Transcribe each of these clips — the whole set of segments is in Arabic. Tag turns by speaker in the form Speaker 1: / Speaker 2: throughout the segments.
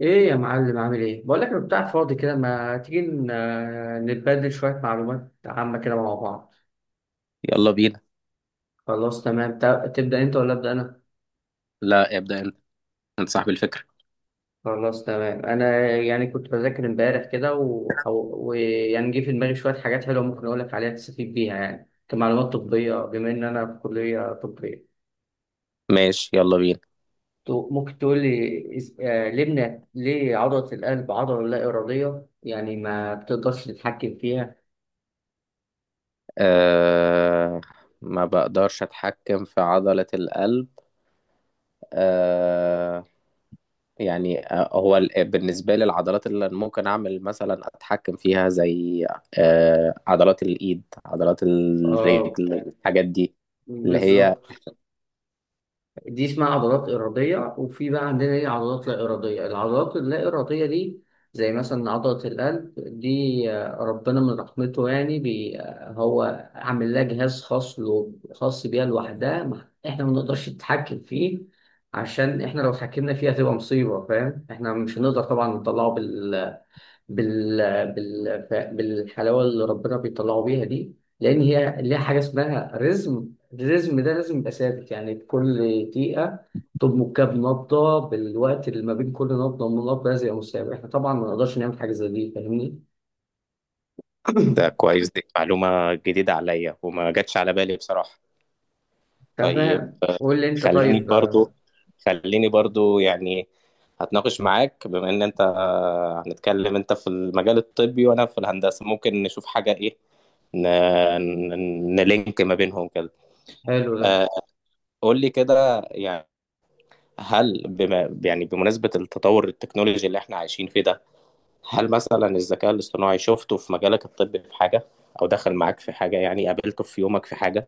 Speaker 1: ايه يا معلم، عامل ايه؟ بقول لك انا بتاع فاضي كده، ما تيجي نتبادل شويه معلومات عامه كده مع بعض.
Speaker 2: يلا بينا.
Speaker 1: خلاص تمام، تبدا انت ولا ابدا انا؟
Speaker 2: لا، ابدأ انت. انت صاحب الفكرة.
Speaker 1: خلاص تمام، انا يعني كنت بذاكر امبارح كده وح- ويعني جه في دماغي شويه حاجات حلوه ممكن اقول لك عليها تستفيد بيها، يعني كمعلومات طبيه بما ان انا في كليه طبيه.
Speaker 2: ماشي يلا بينا.
Speaker 1: ممكن تقول لي ليه ليه عضله القلب عضله لا اراديه، يعني ما بتقدرش تتحكم فيها؟
Speaker 2: أه، ما بقدرش اتحكم في عضلة القلب. أه يعني بالنسبة لي العضلات اللي ممكن اعمل مثلا اتحكم فيها زي أه عضلات الايد، عضلات
Speaker 1: اه،
Speaker 2: الرجل، الحاجات دي اللي هي.
Speaker 1: بالظبط. دي اسمها عضلات إرادية، وفي بقى عندنا ايه عضلات لا إرادية. العضلات اللا إرادية دي زي مثلا عضلة القلب دي، ربنا من رحمته يعني بي آه، هو عامل لها جهاز خاص له، خاص بيها لوحدها، احنا ما نقدرش نتحكم فيه. عشان احنا لو اتحكمنا فيها هتبقى مصيبة، فاهم؟ احنا مش هنقدر طبعا نطلعه بال... بالحلاوه اللي ربنا بيطلعوا بيها دي. لان هي ليها حاجه اسمها رزم، الرزم ده لازم يبقى ثابت، يعني كل دقيقه تضمن كام نبضه، بالوقت اللي ما بين كل نبضه من نبضه لازم يبقى مستمر. احنا طبعا ما نقدرش نعمل حاجه زي دي، فاهمني؟
Speaker 2: ده كويس، دي معلومة جديدة عليا وما جاتش على بالي بصراحة. طيب
Speaker 1: تمام،
Speaker 2: آه،
Speaker 1: قول لي انت.
Speaker 2: خليني
Speaker 1: طيب،
Speaker 2: برضو خليني برضو يعني هتناقش معاك، بما ان انت آه، هنتكلم، انت في المجال الطبي وانا في الهندسة، ممكن نشوف حاجة ايه ن... نلينك ما بينهم كده.
Speaker 1: حلو ده.
Speaker 2: آه، قول لي كده يعني، هل بما يعني بمناسبة التطور التكنولوجي اللي احنا عايشين فيه ده، هل مثلا الذكاء الاصطناعي شفته في مجالك الطبي في حاجة او دخل معاك في حاجة يعني قابلته في يومك في حاجة؟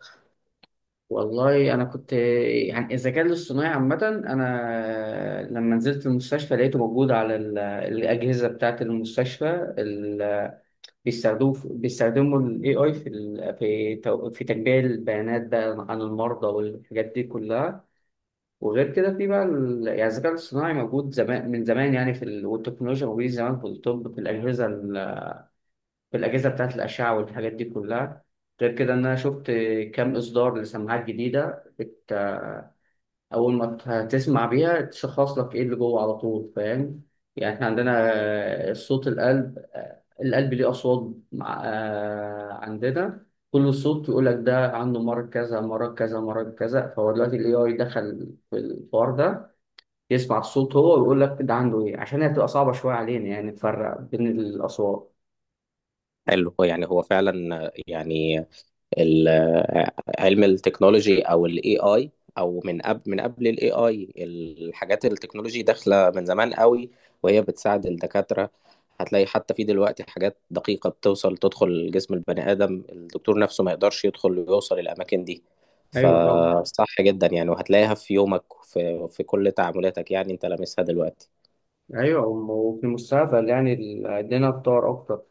Speaker 1: والله انا كنت، يعني الذكاء الاصطناعي عامه، انا لما نزلت المستشفى لقيته موجود على الاجهزه بتاعه المستشفى. بيستخدموا ال AI في ال في في تجميع البيانات بقى عن المرضى والحاجات دي كلها. وغير كده في بقى يعني الذكاء الاصطناعي موجود زمان من زمان، يعني في ال... والتكنولوجيا موجودة زمان في الطب، في الأجهزة ال... في الأجهزة بتاعة الأشعة والحاجات دي كلها. غير كده إن أنا شفت كام إصدار لسماعات جديدة بت... أول ما تسمع بيها تشخص لك إيه اللي جوه على طول، فاهم؟ يعني إحنا عندنا صوت القلب، القلب ليه أصوات، عندنا كل صوت يقول لك ده عنده مرض كذا، مرض كذا، مرض كذا. فهو دلوقتي ال AI دخل في الحوار ده، يسمع الصوت هو ويقول لك ده عنده إيه، عشان هي بتبقى صعبة شوية علينا يعني نفرق بين الأصوات.
Speaker 2: حلو. يعني هو فعلا آه، يعني ال- علم التكنولوجي او الاي اي، او من قبل من قبل الاي اي الحاجات التكنولوجي داخله من زمان قوي، وهي بتساعد الدكاتره. هتلاقي حتى في دلوقتي حاجات دقيقه بتوصل تدخل جسم البني ادم الدكتور نفسه ما يقدرش يدخل ويوصل الاماكن دي.
Speaker 1: أيوه طبعا.
Speaker 2: فصح جدا يعني، وهتلاقيها في يومك في في كل تعاملاتك يعني، انت لامسها دلوقتي.
Speaker 1: أيوه، وفي المستقبل يعني الدنيا تطور أكتر.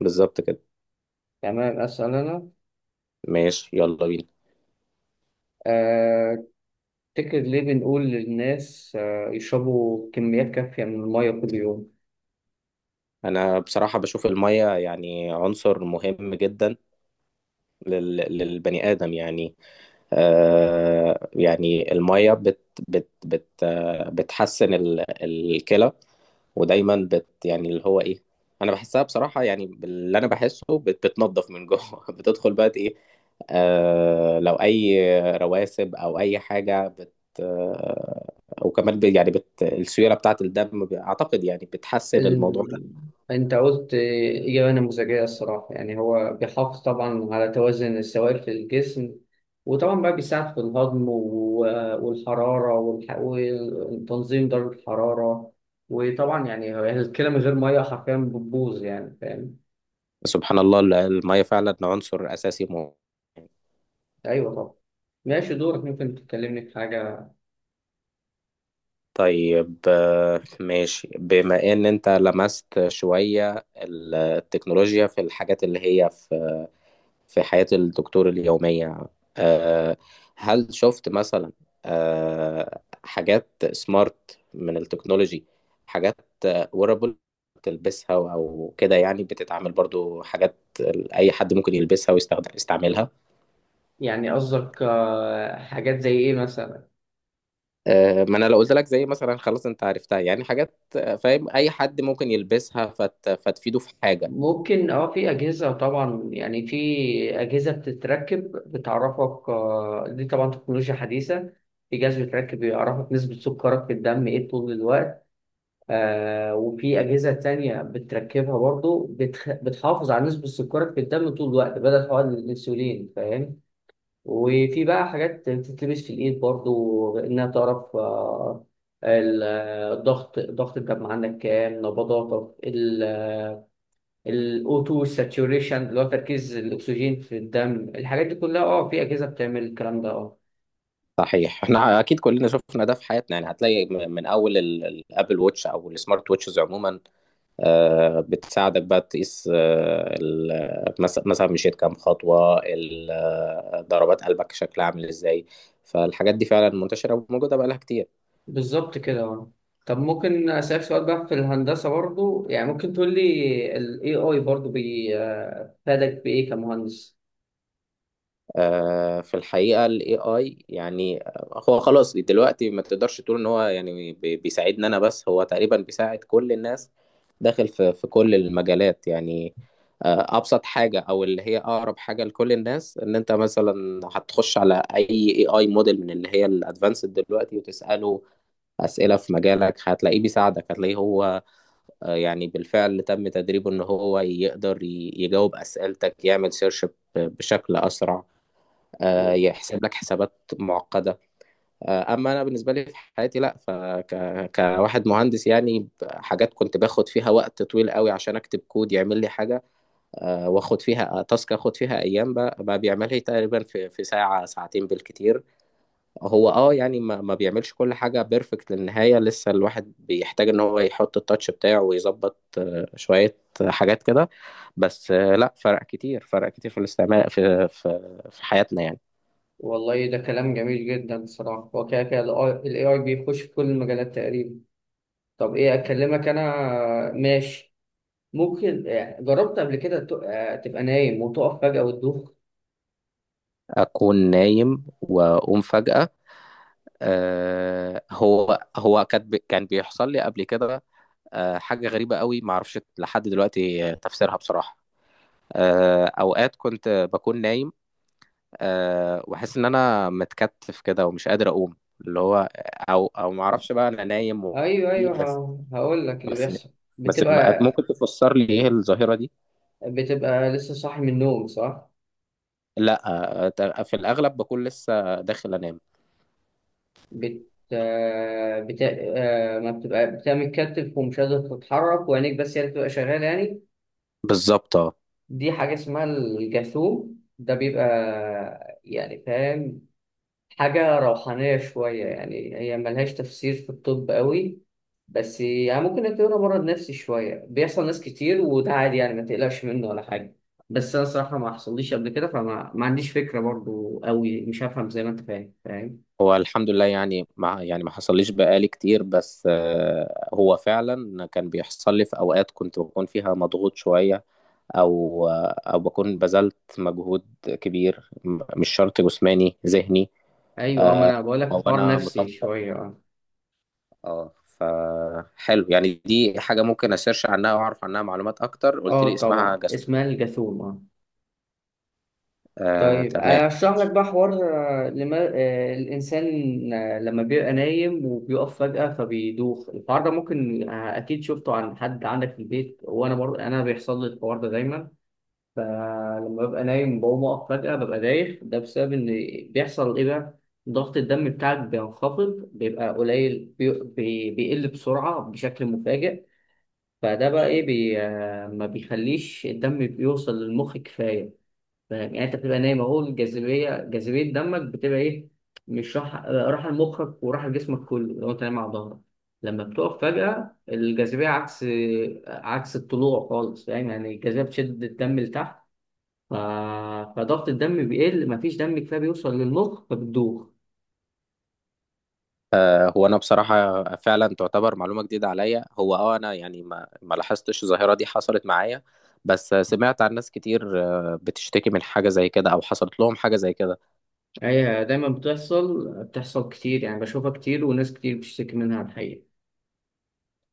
Speaker 2: بالظبط كده.
Speaker 1: تمام، أسأل.
Speaker 2: ماشي يلا بينا.
Speaker 1: أنا تفتكر ليه بنقول للناس يشربوا كميات كافية من المية كل يوم؟
Speaker 2: انا بصراحه بشوف الميه يعني عنصر مهم جدا للبني آدم يعني. آه يعني المية بت بت بت آه، بتحسن الكلى، ودايما بت يعني اللي هو ايه، انا بحسها بصراحة يعني باللي انا بحسه، بت بتنضف من جوه، بتدخل بقى ايه آه لو اي رواسب او اي حاجة بت آه. وكمان يعني بت السيولة بتاعة الدم اعتقد يعني بتحسن الموضوع
Speaker 1: ال...
Speaker 2: ده.
Speaker 1: أنت قلت إجابة نموذجية الصراحة، يعني هو بيحافظ طبعا على توازن السوائل في الجسم، وطبعا بقى بيساعد في الهضم و... والحرارة وتنظيم درجة الحرارة، وطبعا يعني هو الكلى من غير مية حرفيا بتبوظ، يعني فاهم؟
Speaker 2: سبحان الله، المية فعلا عنصر اساسي مهم.
Speaker 1: أيوه طبعا. ماشي، دورك، ممكن تكلمني في حاجة.
Speaker 2: طيب آه، ماشي، بما ان انت لمست شوية التكنولوجيا في الحاجات اللي هي في في حياة الدكتور اليومية، آه، هل شفت مثلا آه، حاجات سمارت من التكنولوجي، حاجات ويرابل، تلبسها او كده يعني، بتتعامل برضو حاجات اي حد ممكن يلبسها ويستخدم يستعملها؟
Speaker 1: يعني قصدك حاجات زي إيه مثلا؟
Speaker 2: آه، ما انا لو قلت لك زي مثلا خلاص انت عرفتها. يعني حاجات آه، فاهم، اي حد ممكن يلبسها فتفيده في حاجه.
Speaker 1: ممكن، اه، في أجهزة طبعا، يعني في أجهزة بتتركب بتعرفك، دي طبعا تكنولوجيا حديثة. في جهاز بيتركب بيعرفك نسبة سكرك في الدم ايه طول الوقت. آه، وفي أجهزة تانية بتركبها برضو بتحافظ على نسبة سكرك في الدم طول الوقت بدل حقن الأنسولين، فاهم؟ وفي بقى حاجات بتتلبس في الإيد برضو إنها تعرف الضغط ضغط الدم عندك، كام نبضاتك، الاوتو ساتوريشن اللي هو تركيز الاكسجين في الدم. الحاجات دي كلها، اه، في اجهزه بتعمل الكلام ده، اه.
Speaker 2: صحيح، احنا اكيد كلنا شفنا ده في حياتنا، يعني هتلاقي من اول الابل ووتش او السمارت ووتشز عموما، آه، بتساعدك بقى تقيس آه، مثلا مشيت كام خطوه، ضربات قلبك شكلها عامل ازاي. فالحاجات دي فعلا منتشره وموجوده بقى لها كتير.
Speaker 1: بالظبط كده، اه. طب ممكن اسالك سؤال بقى في الهندسه برضو، يعني ممكن تقول لي الاي اي برضو فادك بايه كمهندس؟
Speaker 2: آه، في الحقيقة ال AI يعني هو خلاص دلوقتي ما تقدرش تقول ان هو يعني بيساعدنا انا بس، هو تقريبا بيساعد كل الناس، داخل في في كل المجالات يعني. آه، ابسط حاجة او اللي هي اقرب حاجة لكل الناس، ان انت مثلا هتخش على اي AI موديل من اللي هي الادفانسد دلوقتي وتسأله اسئلة في مجالك، هتلاقيه بيساعدك، هتلاقيه هو آه، يعني بالفعل تم تدريبه ان هو يقدر يجاوب اسئلتك، يعمل سيرش بشكل اسرع، آه،
Speaker 1: و-
Speaker 2: يحسب لك حسابات معقدة. آه، أما أنا بالنسبة لي في حياتي، لأ كواحد مهندس يعني حاجات كنت باخد فيها وقت طويل قوي عشان أكتب كود يعمل لي حاجة، آه، واخد فيها آه، تاسك اخد فيها أيام، بقى بقى بيعملها لي تقريبا في ساعة ساعتين بالكتير. هو اه يعني ما بيعملش كل حاجة بيرفكت للنهاية، لسه الواحد بيحتاج إن هو يحط التاتش بتاعه ويظبط آه، شوية حاجات كده، بس آه، لأ، فرق كتير، فرق كتير في الاستعمال في في حياتنا يعني.
Speaker 1: والله ده كلام جميل جدا الصراحه. هو كده كده الاي اي بيخش في كل المجالات تقريبا. طب ايه اكلمك انا؟ ماشي. ممكن، جربت قبل كده تبقى نايم وتقف فجاه وتدوخ؟
Speaker 2: اكون نايم واقوم فجأة، آه هو هو كان كان بيحصل لي قبل كده، آه حاجة غريبة قوي ما اعرفش لحد دلوقتي تفسيرها بصراحة. آه اوقات كنت بكون نايم، آه واحس ان انا متكتف كده ومش قادر اقوم، اللي هو او ما اعرفش بقى، انا نايم و...
Speaker 1: ايوه ايوه،
Speaker 2: بس،
Speaker 1: هقول لك اللي
Speaker 2: بس،
Speaker 1: بيحصل.
Speaker 2: بس،
Speaker 1: بتبقى،
Speaker 2: ممكن تفسر لي ايه الظاهرة دي؟
Speaker 1: بتبقى لسه صاحي من النوم، صح؟
Speaker 2: لا، آه، في الاغلب بكون لسه داخل انام.
Speaker 1: بت آه، بت آه، ما بتبقى بتبقى متكتف ومش قادر تتحرك، وعينيك بس هي اللي بتبقى شغاله يعني.
Speaker 2: بالظبط اه.
Speaker 1: دي حاجه اسمها الجاثوم، ده بيبقى يعني، فاهم، حاجة روحانية شوية، يعني هي ملهاش تفسير في الطب قوي، بس يعني ممكن نعتبرها مرض نفسي شوية. بيحصل ناس كتير وده عادي يعني، ما تقلقش منه ولا حاجة. بس أنا صراحة ما حصليش قبل كده، فما ما عنديش فكرة برضو قوي، مش هفهم زي ما أنت فاهم فاهم.
Speaker 2: هو الحمد لله، يعني مع يعني ما حصليش بقالي كتير، بس آه، هو فعلا كان بيحصل لي في اوقات كنت بكون فيها مضغوط شوية، او آه، او بكون بذلت مجهود كبير مش شرط جسماني، ذهني،
Speaker 1: أيوة، أه، ما أنا بقول
Speaker 2: او
Speaker 1: لك، حوار
Speaker 2: انا
Speaker 1: نفسي
Speaker 2: مطبق.
Speaker 1: شوية، أه.
Speaker 2: اه، فحلو يعني، دي حاجة ممكن اسيرش عنها واعرف عنها معلومات اكتر. قلت لي
Speaker 1: أه
Speaker 2: اسمها
Speaker 1: طبعا،
Speaker 2: جسم؟
Speaker 1: اسمها الجاثوم.
Speaker 2: آه
Speaker 1: طيب
Speaker 2: تمام.
Speaker 1: اشرح لك بقى حوار، لما الانسان، لما بيبقى نايم وبيقف فجأة فبيدوخ، الحوار ده ممكن اكيد شفته عن حد عندك في البيت، وانا برضه انا بيحصل لي الحوار ده دايما. فلما ببقى نايم بقوم اقف فجأة ببقى دايخ، ده بسبب ان، بيحصل ايه بقى، ضغط الدم بتاعك بينخفض بيبقى قليل، بيقل بسرعة بشكل مفاجئ. فده بقى ايه، بي... آه، ما بيخليش الدم بيوصل للمخ كفاية. فاهم؟ يعني انت بتبقى نايم اهو، الجاذبيه، جاذبيه دمك بتبقى ايه، مش راح راح لمخك وراح لجسمك كله لو انت نايم على ظهرك. لما بتقف فجاه الجاذبيه عكس، عكس الطلوع خالص، فاهم؟ يعني الجاذبيه بتشد الدم لتحت. ف... فضغط الدم بيقل، مفيش دم كفايه بيوصل للمخ فبتدوخ.
Speaker 2: هو انا بصراحه فعلا تعتبر معلومه جديده عليا، هو اه انا يعني ما لاحظتش الظاهره دي حصلت معايا، بس سمعت عن ناس كتير آه، بتشتكي من حاجه زي كده او حصلت لهم حاجه زي كده.
Speaker 1: هي دايما بتحصل، بتحصل كتير يعني، بشوفها كتير وناس كتير بتشتكي منها الحقيقه.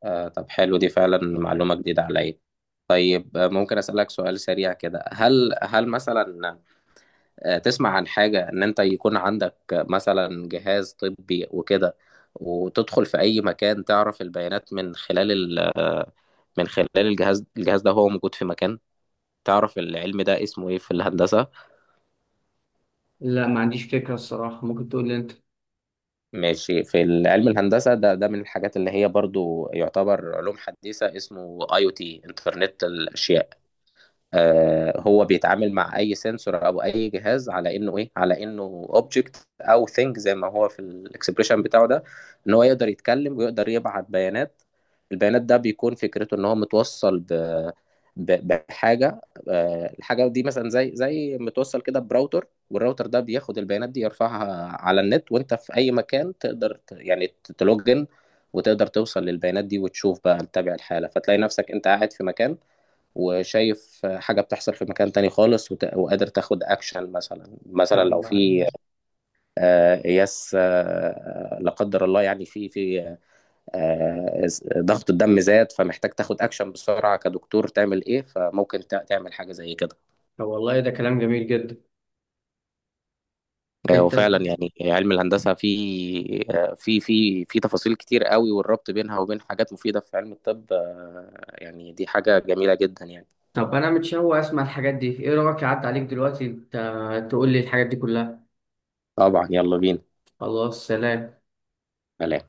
Speaker 2: آه، طب حلو، دي فعلا معلومه جديده عليا. طيب آه، ممكن اسالك سؤال سريع كده، هل هل مثلا آه، تسمع عن حاجه ان انت يكون عندك مثلا جهاز طبي وكده، وتدخل في اي مكان تعرف البيانات من خلال من خلال الجهاز, الجهاز ده هو موجود في مكان، تعرف العلم ده اسمه ايه في الهندسة؟
Speaker 1: لا، ما عنديش فكره الصراحه، ممكن تقول لي انت.
Speaker 2: ماشي، في علم الهندسة ده، ده من الحاجات اللي هي برضو يعتبر علوم حديثة، اسمه اي او تي، انترنت الاشياء. آه، هو بيتعامل مع اي سنسور او اي جهاز على انه ايه، على انه اوبجكت او ثينج زي ما هو في الاكسبريشن بتاعه ده، ان هو يقدر يتكلم ويقدر يبعت بيانات. البيانات ده بيكون فكرته ان هو متوصل ب بحاجه، آه، الحاجه دي مثلا زي زي متوصل كده براوتر، والراوتر ده بياخد البيانات دي يرفعها على النت، وانت في اي مكان تقدر يعني تلوجن وتقدر توصل للبيانات دي وتشوف بقى تتابع الحاله. فتلاقي نفسك انت قاعد في مكان وشايف حاجة بتحصل في مكان تاني خالص، وقادر تاخد أكشن، مثلا مثلا
Speaker 1: طب
Speaker 2: لو
Speaker 1: ما-
Speaker 2: في آه، قياس آه، لا قدر الله يعني في في آه، ضغط الدم زاد، فمحتاج تاخد أكشن بسرعة كدكتور، تعمل إيه؟ فممكن تعمل حاجة زي كده.
Speaker 1: طب والله ده كلام جميل جدا.
Speaker 2: آه،
Speaker 1: انت،
Speaker 2: وفعلا يعني علم الهندسة في آه، في في تفاصيل كتير قوي، والربط بينها وبين حاجات مفيدة في علم الطب آه، يعني دي حاجة جميلة جدا يعني.
Speaker 1: طب انا متشوق اسمع الحاجات دي، ايه رايك اعدي عليك دلوقتي انت تقول لي الحاجات دي كلها.
Speaker 2: طبعا يلا بينا.
Speaker 1: خلاص، سلام.
Speaker 2: سلام.